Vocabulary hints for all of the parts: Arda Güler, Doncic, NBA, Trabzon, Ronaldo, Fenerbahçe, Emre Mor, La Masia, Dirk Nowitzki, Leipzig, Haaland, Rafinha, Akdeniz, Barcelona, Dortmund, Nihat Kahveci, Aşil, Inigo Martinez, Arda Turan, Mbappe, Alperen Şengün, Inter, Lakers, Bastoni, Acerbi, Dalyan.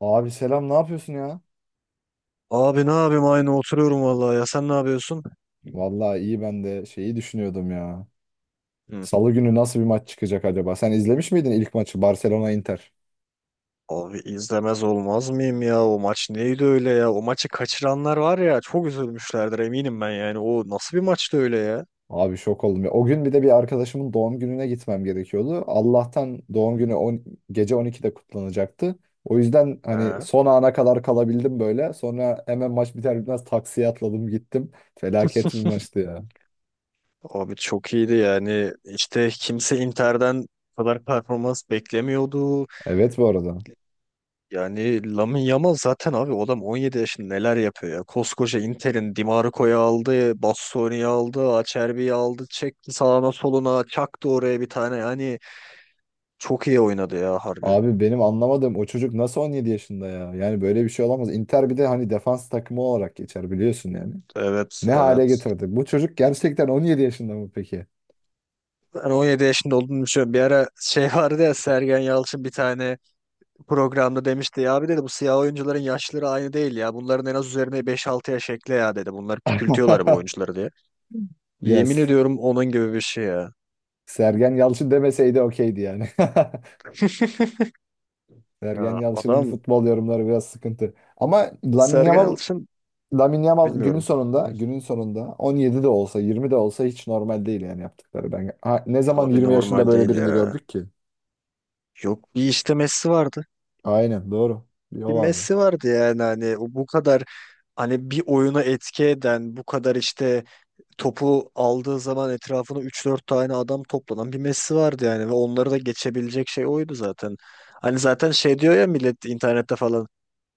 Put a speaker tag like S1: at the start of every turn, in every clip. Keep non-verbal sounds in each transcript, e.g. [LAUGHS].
S1: Abi selam ne yapıyorsun ya?
S2: Abi ne yapayım aynı oturuyorum vallahi ya sen ne yapıyorsun?
S1: Vallahi iyi ben de şeyi düşünüyordum ya.
S2: Hı.
S1: Salı günü nasıl bir maç çıkacak acaba? Sen izlemiş miydin ilk maçı, Barcelona Inter?
S2: Abi izlemez olmaz mıyım ya o maç neydi öyle ya o maçı kaçıranlar var ya çok üzülmüşlerdir eminim ben yani o nasıl bir maçtı öyle ya?
S1: Abi şok oldum ya. O gün bir de bir arkadaşımın doğum gününe gitmem gerekiyordu. Allah'tan doğum günü on, gece 12'de kutlanacaktı. O yüzden hani
S2: Ha.
S1: son ana kadar kalabildim böyle. Sonra hemen maç biter bitmez taksiye atladım, gittim. Felaket bir maçtı ya.
S2: Abi çok iyiydi yani işte kimse Inter'den bu kadar performans beklemiyordu.
S1: Evet, bu arada.
S2: Yani Lamine Yamal zaten abi o adam 17 yaşında neler yapıyor ya. Koskoca Inter'in Di Marco'yu aldı, Bastoni'yi aldı, Acerbi'yi aldı, çekti sağına soluna, çaktı oraya bir tane yani. Çok iyi oynadı ya harbi.
S1: Abi benim anlamadığım, o çocuk nasıl 17 yaşında ya? Yani böyle bir şey olamaz. Inter bir de hani defans takımı olarak geçer, biliyorsun yani.
S2: Evet,
S1: Ne hale
S2: evet.
S1: getirdi? Bu çocuk gerçekten 17 yaşında mı peki?
S2: Ben 17 yaşında olduğunu düşünüyorum. Bir ara şey [LAUGHS] vardı ya Sergen Yalçın bir tane programda demişti ya abi dedi bu siyah oyuncuların yaşları aynı değil ya. Bunların en az üzerine 5-6 yaş ekle ya dedi. Bunlar küçültüyorlar bu
S1: [LAUGHS]
S2: oyuncuları diye. Yemin
S1: Yes.
S2: ediyorum onun gibi bir şey ya.
S1: Sergen Yalçın demeseydi okeydi yani. [LAUGHS]
S2: [LAUGHS]
S1: Sergen
S2: Ya
S1: Yalçın'ın
S2: adam
S1: futbol yorumları biraz sıkıntı. Ama Lamine
S2: Sergen
S1: Yamal,
S2: Yalçın
S1: Lamine Yamal günün
S2: bilmiyorum.
S1: sonunda, günün sonunda 17 de olsa, 20 de olsa hiç normal değil yani yaptıkları. Ben, ne zaman
S2: Abi
S1: 20 yaşında
S2: normal
S1: böyle
S2: değil
S1: birini
S2: ya.
S1: gördük ki?
S2: Yok bir işte Messi vardı.
S1: Aynen doğru. Bir
S2: Bir
S1: o vardı.
S2: Messi vardı yani hani o bu kadar hani bir oyuna etki eden bu kadar işte topu aldığı zaman etrafına üç dört tane adam toplanan bir Messi vardı yani ve onları da geçebilecek şey oydu zaten. Hani zaten şey diyor ya millet internette falan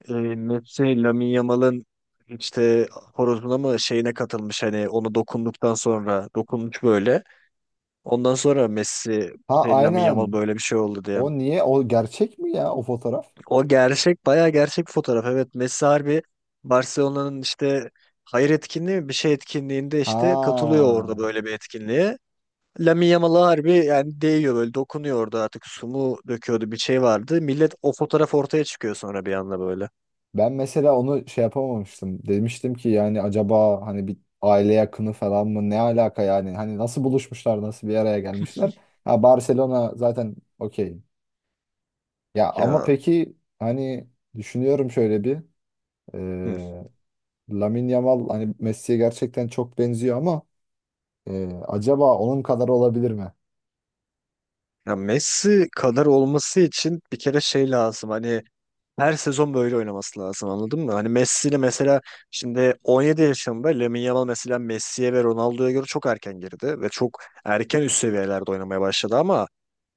S2: Messi Lamine Yamal'ın işte horozuna mı şeyine katılmış hani onu dokunduktan sonra dokunmuş böyle. Ondan sonra Messi
S1: Ha,
S2: şey, Lamine Yamal
S1: aynen.
S2: böyle bir şey oldu diye.
S1: O niye? O gerçek mi ya o fotoğraf?
S2: O gerçek bayağı gerçek bir fotoğraf. Evet Messi harbi Barcelona'nın işte hayır etkinliği mi? Bir şey etkinliğinde
S1: Ha.
S2: işte katılıyor orada böyle bir etkinliğe. Lamine Yamal'a harbi yani değiyor böyle dokunuyor orada artık su mu döküyordu bir şey vardı. Millet o fotoğraf ortaya çıkıyor sonra bir anda böyle.
S1: Ben mesela onu şey yapamamıştım. Demiştim ki yani, acaba hani bir aile yakını falan mı? Ne alaka yani? Hani nasıl buluşmuşlar? Nasıl bir araya gelmişler? Ha, Barcelona zaten, okey. Ya ama
S2: Ya,
S1: peki hani düşünüyorum şöyle bir.
S2: hı.
S1: E, Lamine Yamal hani Messi'ye gerçekten çok benziyor ama acaba onun kadar olabilir mi?
S2: Ya Messi kadar olması için bir kere şey lazım hani her sezon böyle oynaması lazım anladın mı? Hani Messi ile mesela şimdi 17 yaşında Lamine Yamal mesela Messi'ye ve Ronaldo'ya göre çok erken girdi ve çok erken üst seviyelerde oynamaya başladı ama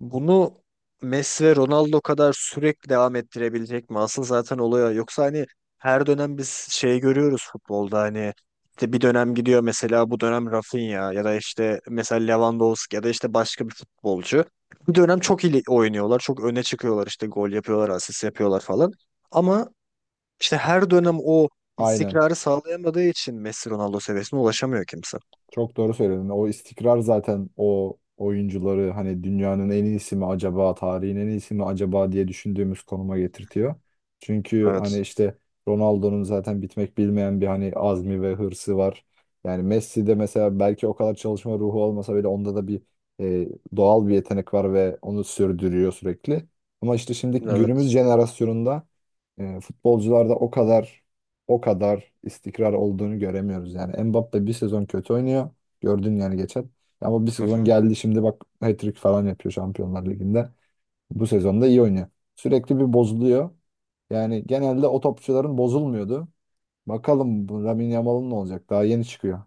S2: bunu Messi ve Ronaldo kadar sürekli devam ettirebilecek mi? Asıl zaten oluyor. Yoksa hani her dönem biz şey görüyoruz futbolda hani işte bir dönem gidiyor mesela bu dönem Rafinha ya da işte mesela Lewandowski ya da işte başka bir futbolcu. Bir dönem çok iyi oynuyorlar, çok öne çıkıyorlar işte gol yapıyorlar, asist yapıyorlar falan. Ama işte her dönem o
S1: Aynen.
S2: istikrarı sağlayamadığı için Messi Ronaldo seviyesine ulaşamıyor kimse.
S1: Çok doğru söyledin. O istikrar zaten o oyuncuları hani dünyanın en iyisi mi acaba, tarihin en iyisi mi acaba diye düşündüğümüz konuma getirtiyor. Çünkü hani
S2: Evet.
S1: işte, Ronaldo'nun zaten bitmek bilmeyen bir hani azmi ve hırsı var. Yani Messi'de mesela belki o kadar çalışma ruhu olmasa bile, onda da bir e, doğal bir yetenek var ve onu sürdürüyor sürekli. Ama işte şimdi günümüz
S2: Evet.
S1: jenerasyonunda futbolcularda o kadar istikrar olduğunu göremiyoruz yani. Mbappe bir sezon kötü oynuyor. Gördün yani geçen. Ama bir
S2: Hı
S1: sezon
S2: hı.
S1: geldi, şimdi bak hat-trick falan yapıyor Şampiyonlar Ligi'nde. Bu sezonda iyi oynuyor. Sürekli bir bozuluyor. Yani genelde o topçuların bozulmuyordu. Bakalım bu Lamine Yamal'ın ne olacak? Daha yeni çıkıyor.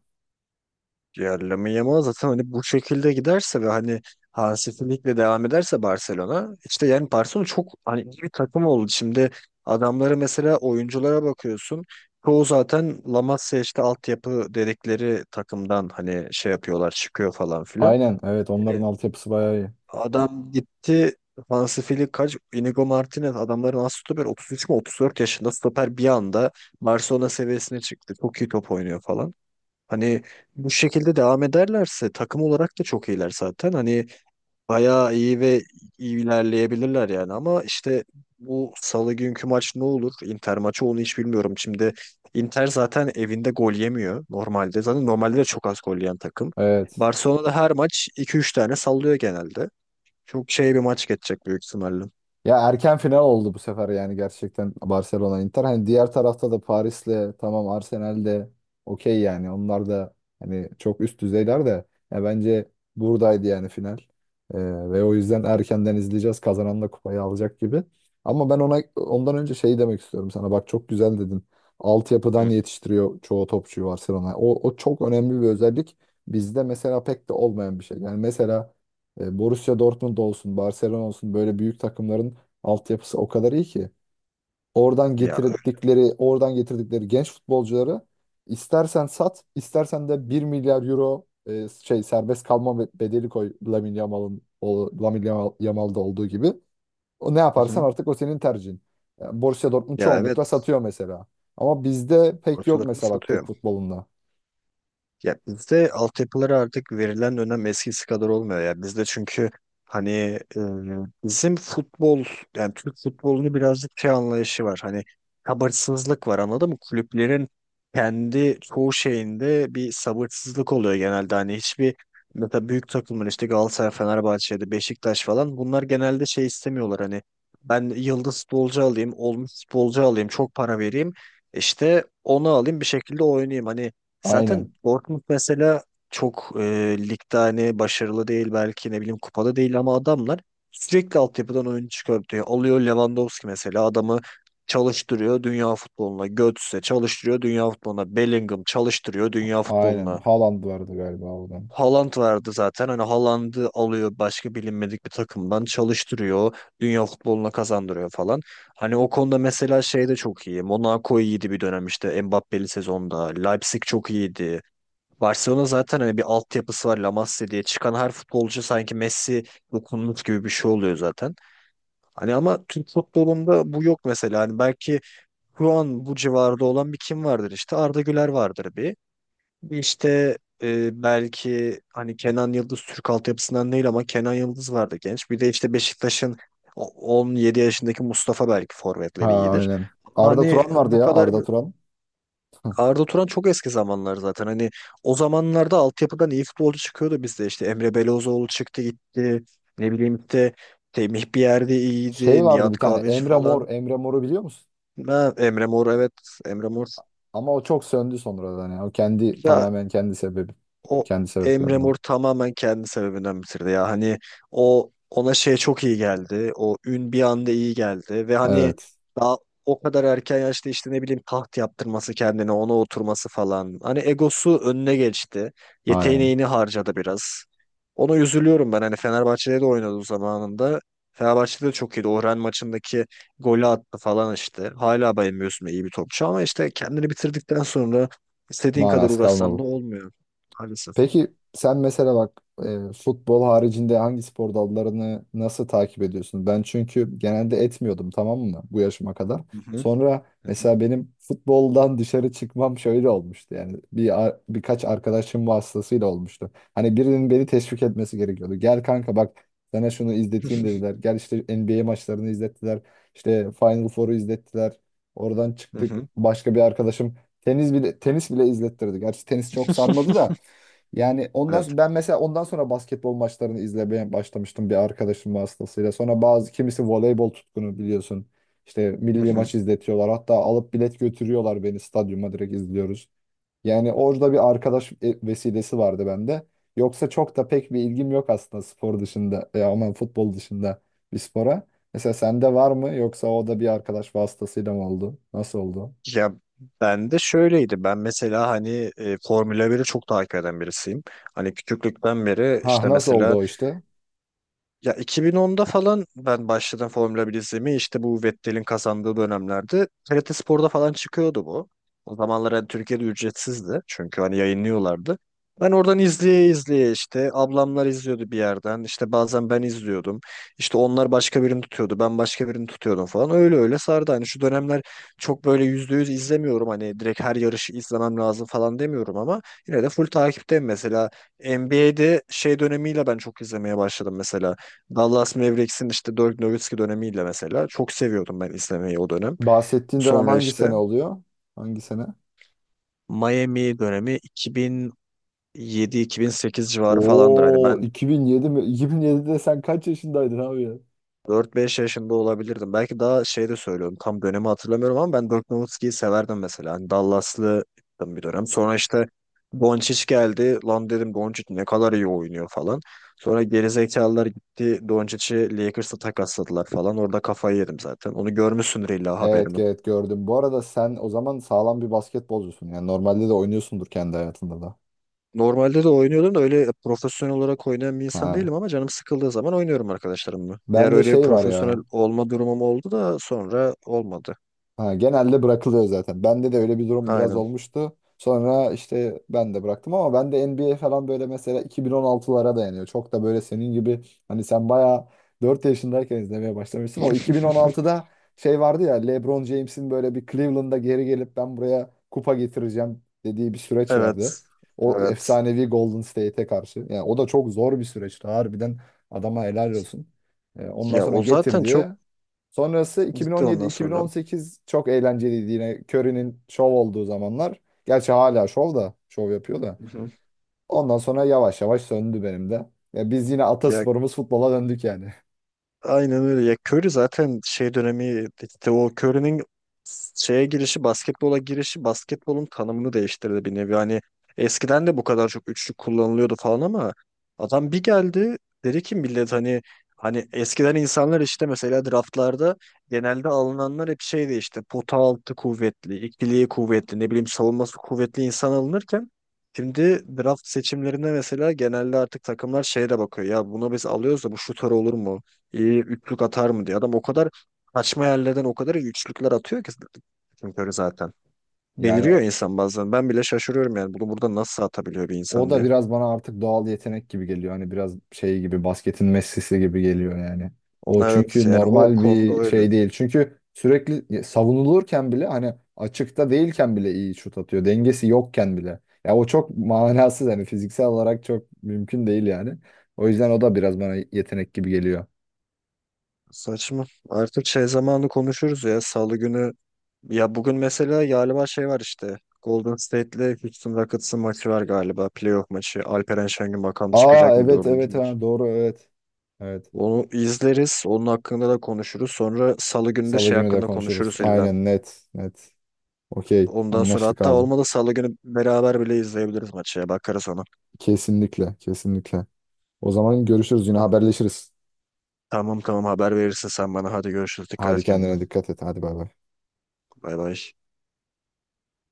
S2: Yani Lamine Yamal zaten hani bu şekilde giderse ve hani Hansi Flick'le devam ederse Barcelona işte yani Barcelona çok hani iyi bir takım oldu. Şimdi adamlara mesela oyunculara bakıyorsun. Çoğu zaten La Masia işte altyapı dedikleri takımdan hani şey yapıyorlar çıkıyor falan filan.
S1: Aynen, evet, onların altyapısı bayağı iyi.
S2: Adam gitti Hansi Flick kaç? Inigo Martinez adamların as stoper 33 mi 34 yaşında stoper bir anda Barcelona seviyesine çıktı. Çok iyi top oynuyor falan. Hani bu şekilde devam ederlerse takım olarak da çok iyiler zaten. Hani bayağı iyi ve iyi ilerleyebilirler yani ama işte bu salı günkü maç ne olur? Inter maçı onu hiç bilmiyorum. Şimdi Inter zaten evinde gol yemiyor normalde. Zaten normalde de çok az gol yiyen takım.
S1: Evet.
S2: Barcelona'da her maç iki üç tane sallıyor genelde. Çok şey bir maç geçecek büyük ihtimalle.
S1: Ya erken final oldu bu sefer, yani gerçekten Barcelona Inter. Hani diğer tarafta da Paris'le tamam, Arsenal'de okey yani. Onlar da hani çok üst düzeyler de, ya bence buradaydı yani final. Ee, ve o yüzden erkenden izleyeceğiz. Kazanan da kupayı alacak gibi. Ama ben ona, ondan önce şey demek istiyorum sana. Bak çok güzel dedin. Altyapıdan
S2: Hı.
S1: yetiştiriyor çoğu topçuyu Barcelona. O çok önemli bir özellik. Bizde mesela pek de olmayan bir şey. Yani mesela Borussia Dortmund olsun, Barcelona olsun, böyle büyük takımların altyapısı o kadar iyi ki. Oradan
S2: Ya,
S1: getirdikleri, oradan getirdikleri genç futbolcuları istersen sat, istersen de 1 milyar euro serbest kalma bedeli koy, Lamine Yamal'ın Yamal'da olduğu gibi. O ne
S2: hı
S1: yaparsan
S2: hı.
S1: artık, o senin tercihin. Yani Borussia Dortmund
S2: Ya
S1: çoğunlukla
S2: evet.
S1: satıyor mesela. Ama bizde pek yok
S2: Ortalarını
S1: mesela, bak Türk
S2: satıyor.
S1: futbolunda.
S2: Ya bizde altyapılara artık verilen önem eskisi kadar olmuyor ya. Bizde çünkü hani bizim futbol yani Türk futbolunu birazcık şey anlayışı var. Hani sabırsızlık var anladın mı? Kulüplerin kendi çoğu şeyinde bir sabırsızlık oluyor genelde. Hani hiçbir mesela büyük takımın işte Galatasaray, Fenerbahçe'de, Beşiktaş falan bunlar genelde şey istemiyorlar hani ben yıldız futbolcu alayım, olmuş futbolcu alayım, çok para vereyim. İşte onu alayım bir şekilde oynayayım. Hani
S1: Aynen.
S2: zaten Dortmund mesela çok ligde hani başarılı değil belki ne bileyim kupada değil ama adamlar sürekli altyapıdan oyun çıkartıyor. Alıyor Lewandowski mesela adamı çalıştırıyor dünya futboluna. Götze çalıştırıyor dünya futboluna. Bellingham çalıştırıyor dünya
S1: Aynen.
S2: futboluna.
S1: Haaland vardı galiba oradan.
S2: Haaland vardı zaten hani Haaland'ı alıyor başka bilinmedik bir takımdan çalıştırıyor. Dünya futboluna kazandırıyor falan. Hani o konuda mesela şey de çok iyi. Monaco iyiydi bir dönem işte Mbappé'li sezonda. Leipzig çok iyiydi. Barcelona zaten hani bir altyapısı var La Masia diye çıkan her futbolcu sanki Messi dokunmuş gibi bir şey oluyor zaten. Hani ama Türk futbolunda bu yok mesela. Hani belki şu an bu civarda olan bir kim vardır işte Arda Güler vardır bir. Bir işte belki hani Kenan Yıldız Türk altyapısından değil ama Kenan Yıldız vardı genç. Bir de işte Beşiktaş'ın 17 yaşındaki Mustafa belki
S1: Ha,
S2: forvetleri iyidir.
S1: aynen.
S2: Ama
S1: Arda
S2: hani
S1: Turan vardı
S2: bu
S1: ya.
S2: kadar
S1: Arda Turan. [LAUGHS]
S2: Arda Turan çok eski zamanlar zaten. Hani o zamanlarda altyapıdan iyi futbolcu çıkıyordu bizde. İşte Emre Belözoğlu çıktı gitti. Ne bileyim işte Temih bir yerde
S1: Şey
S2: iyiydi.
S1: vardı bir
S2: Nihat
S1: tane,
S2: Kahveci
S1: Emre
S2: falan.
S1: Mor. Emre Mor'u biliyor musun?
S2: Ha, Emre Mor evet. Emre Mor.
S1: Ama o çok söndü sonradan yani. O kendi
S2: Ya
S1: tamamen kendi sebebi,
S2: o
S1: kendi
S2: Emre
S1: sebeplerinden.
S2: Mor tamamen kendi sebebinden bitirdi ya. Hani o ona şey çok iyi geldi. O ün bir anda iyi geldi ve hani
S1: Evet.
S2: daha o kadar erken yaşta işte ne bileyim taht yaptırması kendine ona oturması falan. Hani egosu önüne geçti.
S1: Aynen.
S2: Yeteneğini harcadı biraz. Ona üzülüyorum ben. Hani Fenerbahçe'de de oynadı zamanında. Fenerbahçe'de de çok iyiydi. Orhan maçındaki golü attı falan işte. Hala bayılmıyorsun iyi bir topçu ama işte kendini bitirdikten sonra istediğin kadar
S1: Manası
S2: uğraşsan da
S1: kalmadı.
S2: olmuyor. Maalesef.
S1: Peki sen mesela bak, futbol haricinde hangi spor dallarını nasıl takip ediyorsun? Ben çünkü genelde etmiyordum, tamam mı, bu yaşıma kadar.
S2: Hı hı,
S1: Sonra
S2: hı hı,
S1: mesela benim futboldan dışarı çıkmam şöyle olmuştu yani, birkaç arkadaşım vasıtasıyla olmuştu. Hani birinin beni teşvik etmesi gerekiyordu. Gel kanka, bak sana şunu izleteyim dediler.
S2: [LAUGHS]
S1: Gel işte NBA maçlarını izlettiler. İşte Final Four'u izlettiler. Oradan
S2: hı
S1: çıktık,
S2: hı.
S1: başka bir arkadaşım tenis bile izlettirdi. Gerçi tenis çok sarmadı da,
S2: [LAUGHS]
S1: yani
S2: Evet.
S1: ben mesela ondan sonra basketbol maçlarını izlemeye başlamıştım, bir arkadaşım vasıtasıyla. Sonra bazı kimisi voleybol tutkunu, biliyorsun. İşte
S2: Hı
S1: milli
S2: hı.
S1: maç izletiyorlar. Hatta alıp bilet götürüyorlar beni, stadyuma direkt izliyoruz. Yani orada bir arkadaş vesilesi vardı bende. Yoksa çok da pek bir ilgim yok aslında spor dışında, ya aman, futbol dışında bir spora. Mesela sende var mı, yoksa o da bir arkadaş vasıtasıyla mı oldu? Nasıl oldu?
S2: Ya ben de şöyleydi. Ben mesela hani Formula 1'i çok takip eden birisiyim. Hani küçüklükten beri
S1: Ha,
S2: işte
S1: nasıl oldu
S2: mesela
S1: o işte?
S2: ya 2010'da falan ben başladım Formula 1 izlemeye. İşte bu Vettel'in kazandığı dönemlerde TRT Spor'da falan çıkıyordu bu. O zamanlar hani Türkiye'de ücretsizdi. Çünkü hani yayınlıyorlardı. Ben oradan izleye izleye işte ablamlar izliyordu bir yerden. İşte bazen ben izliyordum. İşte onlar başka birini tutuyordu. Ben başka birini tutuyordum falan. Öyle öyle sardı. Hani şu dönemler çok böyle %100 izlemiyorum. Hani direkt her yarışı izlemem lazım falan demiyorum ama yine de full takipteyim. Mesela NBA'de şey dönemiyle ben çok izlemeye başladım mesela. Dallas Mavericks'in işte Dirk Nowitzki dönemiyle mesela çok seviyordum ben izlemeyi o dönem.
S1: Bahsettiğin dönem
S2: Sonra
S1: hangi
S2: işte
S1: sene oluyor? Hangi sene?
S2: Miami dönemi 2007-2008 civarı falandır. Hani
S1: Oo,
S2: ben
S1: 2007 mi? 2007'de sen kaç yaşındaydın abi ya?
S2: 4-5 yaşında olabilirdim. Belki daha şey de söylüyorum. Tam dönemi hatırlamıyorum ama ben Dirk Nowitzki'yi severdim mesela. Hani Dallas'lı bir dönem. Sonra işte Doncic geldi. Lan dedim Doncic ne kadar iyi oynuyor falan. Sonra gerizekalılar gitti. Doncic'i Lakers'a takasladılar falan. Orada kafayı yedim zaten. Onu görmüşsündür illa
S1: Evet,
S2: haberini.
S1: evet, gördüm. Bu arada sen o zaman sağlam bir basketbolcusun. Yani normalde de oynuyorsundur, kendi hayatında da.
S2: Normalde de oynuyordum da öyle profesyonel olarak oynayan bir insan
S1: Ha.
S2: değilim ama canım sıkıldığı zaman oynuyorum arkadaşlarımla. Diğer
S1: Ben de
S2: öyle
S1: şey var
S2: profesyonel
S1: ya.
S2: olma durumum oldu da sonra olmadı.
S1: Ha, genelde bırakılıyor zaten. Bende de öyle bir durum biraz
S2: Aynen.
S1: olmuştu. Sonra işte ben de bıraktım, ama ben de NBA falan böyle mesela 2016'lara dayanıyor. Çok da böyle senin gibi, hani sen bayağı 4 yaşındayken izlemeye başlamışsın. O 2016'da şey vardı ya, LeBron James'in böyle bir Cleveland'da geri gelip ben buraya kupa getireceğim dediği bir süreç vardı.
S2: Evet.
S1: O
S2: Evet.
S1: efsanevi Golden State'e karşı. Yani o da çok zor bir süreçti. Harbiden adama helal olsun. Ondan
S2: Ya
S1: sonra
S2: o zaten çok
S1: getirdi. Sonrası
S2: gitti ondan sonra.
S1: 2017-2018 çok eğlenceliydi, yine Curry'nin şov olduğu zamanlar. Gerçi hala şov da şov yapıyor da.
S2: Hı hı.
S1: Ondan sonra yavaş yavaş söndü benim de. Ya biz yine
S2: Ya
S1: atasporumuz futbola döndük yani. [LAUGHS]
S2: aynen öyle. Ya Curry zaten şey dönemi işte o Curry'nin şeye girişi, basketbola girişi basketbolun tanımını değiştirdi bir nevi. Hani eskiden de bu kadar çok üçlük kullanılıyordu falan ama adam bir geldi dedi ki millet hani eskiden insanlar işte mesela draftlarda genelde alınanlar hep şeydi işte pota altı kuvvetli, ikiliği kuvvetli, ne bileyim savunması kuvvetli insan alınırken şimdi draft seçimlerinde mesela genelde artık takımlar şeye de bakıyor. Ya bunu biz alıyoruz da bu şutör olur mu? Üçlük atar mı diye. Adam o kadar kaçma yerlerden o kadar iyi üçlükler atıyor ki Stephen Curry zaten.
S1: Yani
S2: Deliriyor insan bazen. Ben bile şaşırıyorum yani bunu burada nasıl atabiliyor bir
S1: o
S2: insan
S1: da
S2: diye.
S1: biraz bana artık doğal yetenek gibi geliyor. Hani biraz şey gibi, basketin Messi'si gibi geliyor yani. O
S2: Evet
S1: çünkü
S2: yani o
S1: normal
S2: konuda
S1: bir
S2: öyle.
S1: şey değil. Çünkü sürekli savunulurken bile, hani açıkta değilken bile iyi şut atıyor. Dengesi yokken bile. Ya o çok manasız, hani fiziksel olarak çok mümkün değil yani. O yüzden o da biraz bana yetenek gibi geliyor.
S2: Saçma. Artık şey zamanı konuşuruz ya salı günü. Ya bugün mesela galiba şey var işte. Golden State'le Houston Rockets'ın maçı var galiba. Playoff maçı. Alperen Şengün bakalım
S1: Aa,
S2: çıkacak mı
S1: evet,
S2: dördüncü
S1: evet,
S2: maç.
S1: doğru, evet. Evet.
S2: Onu izleriz. Onun hakkında da konuşuruz. Sonra salı günü de
S1: Salı
S2: şey
S1: günü de
S2: hakkında
S1: konuşuruz.
S2: konuşuruz illa.
S1: Aynen, net net. Okey,
S2: Ondan sonra
S1: anlaştık
S2: hatta
S1: abi.
S2: olmadı salı günü beraber bile izleyebiliriz maçı ya. Bakarız ona.
S1: Kesinlikle, kesinlikle. O zaman görüşürüz, yine haberleşiriz.
S2: Tamam tamam haber verirsin sen bana. Hadi görüşürüz. Dikkat
S1: Hadi
S2: et kendine.
S1: kendine dikkat et. Hadi bay bay.
S2: Bay bay.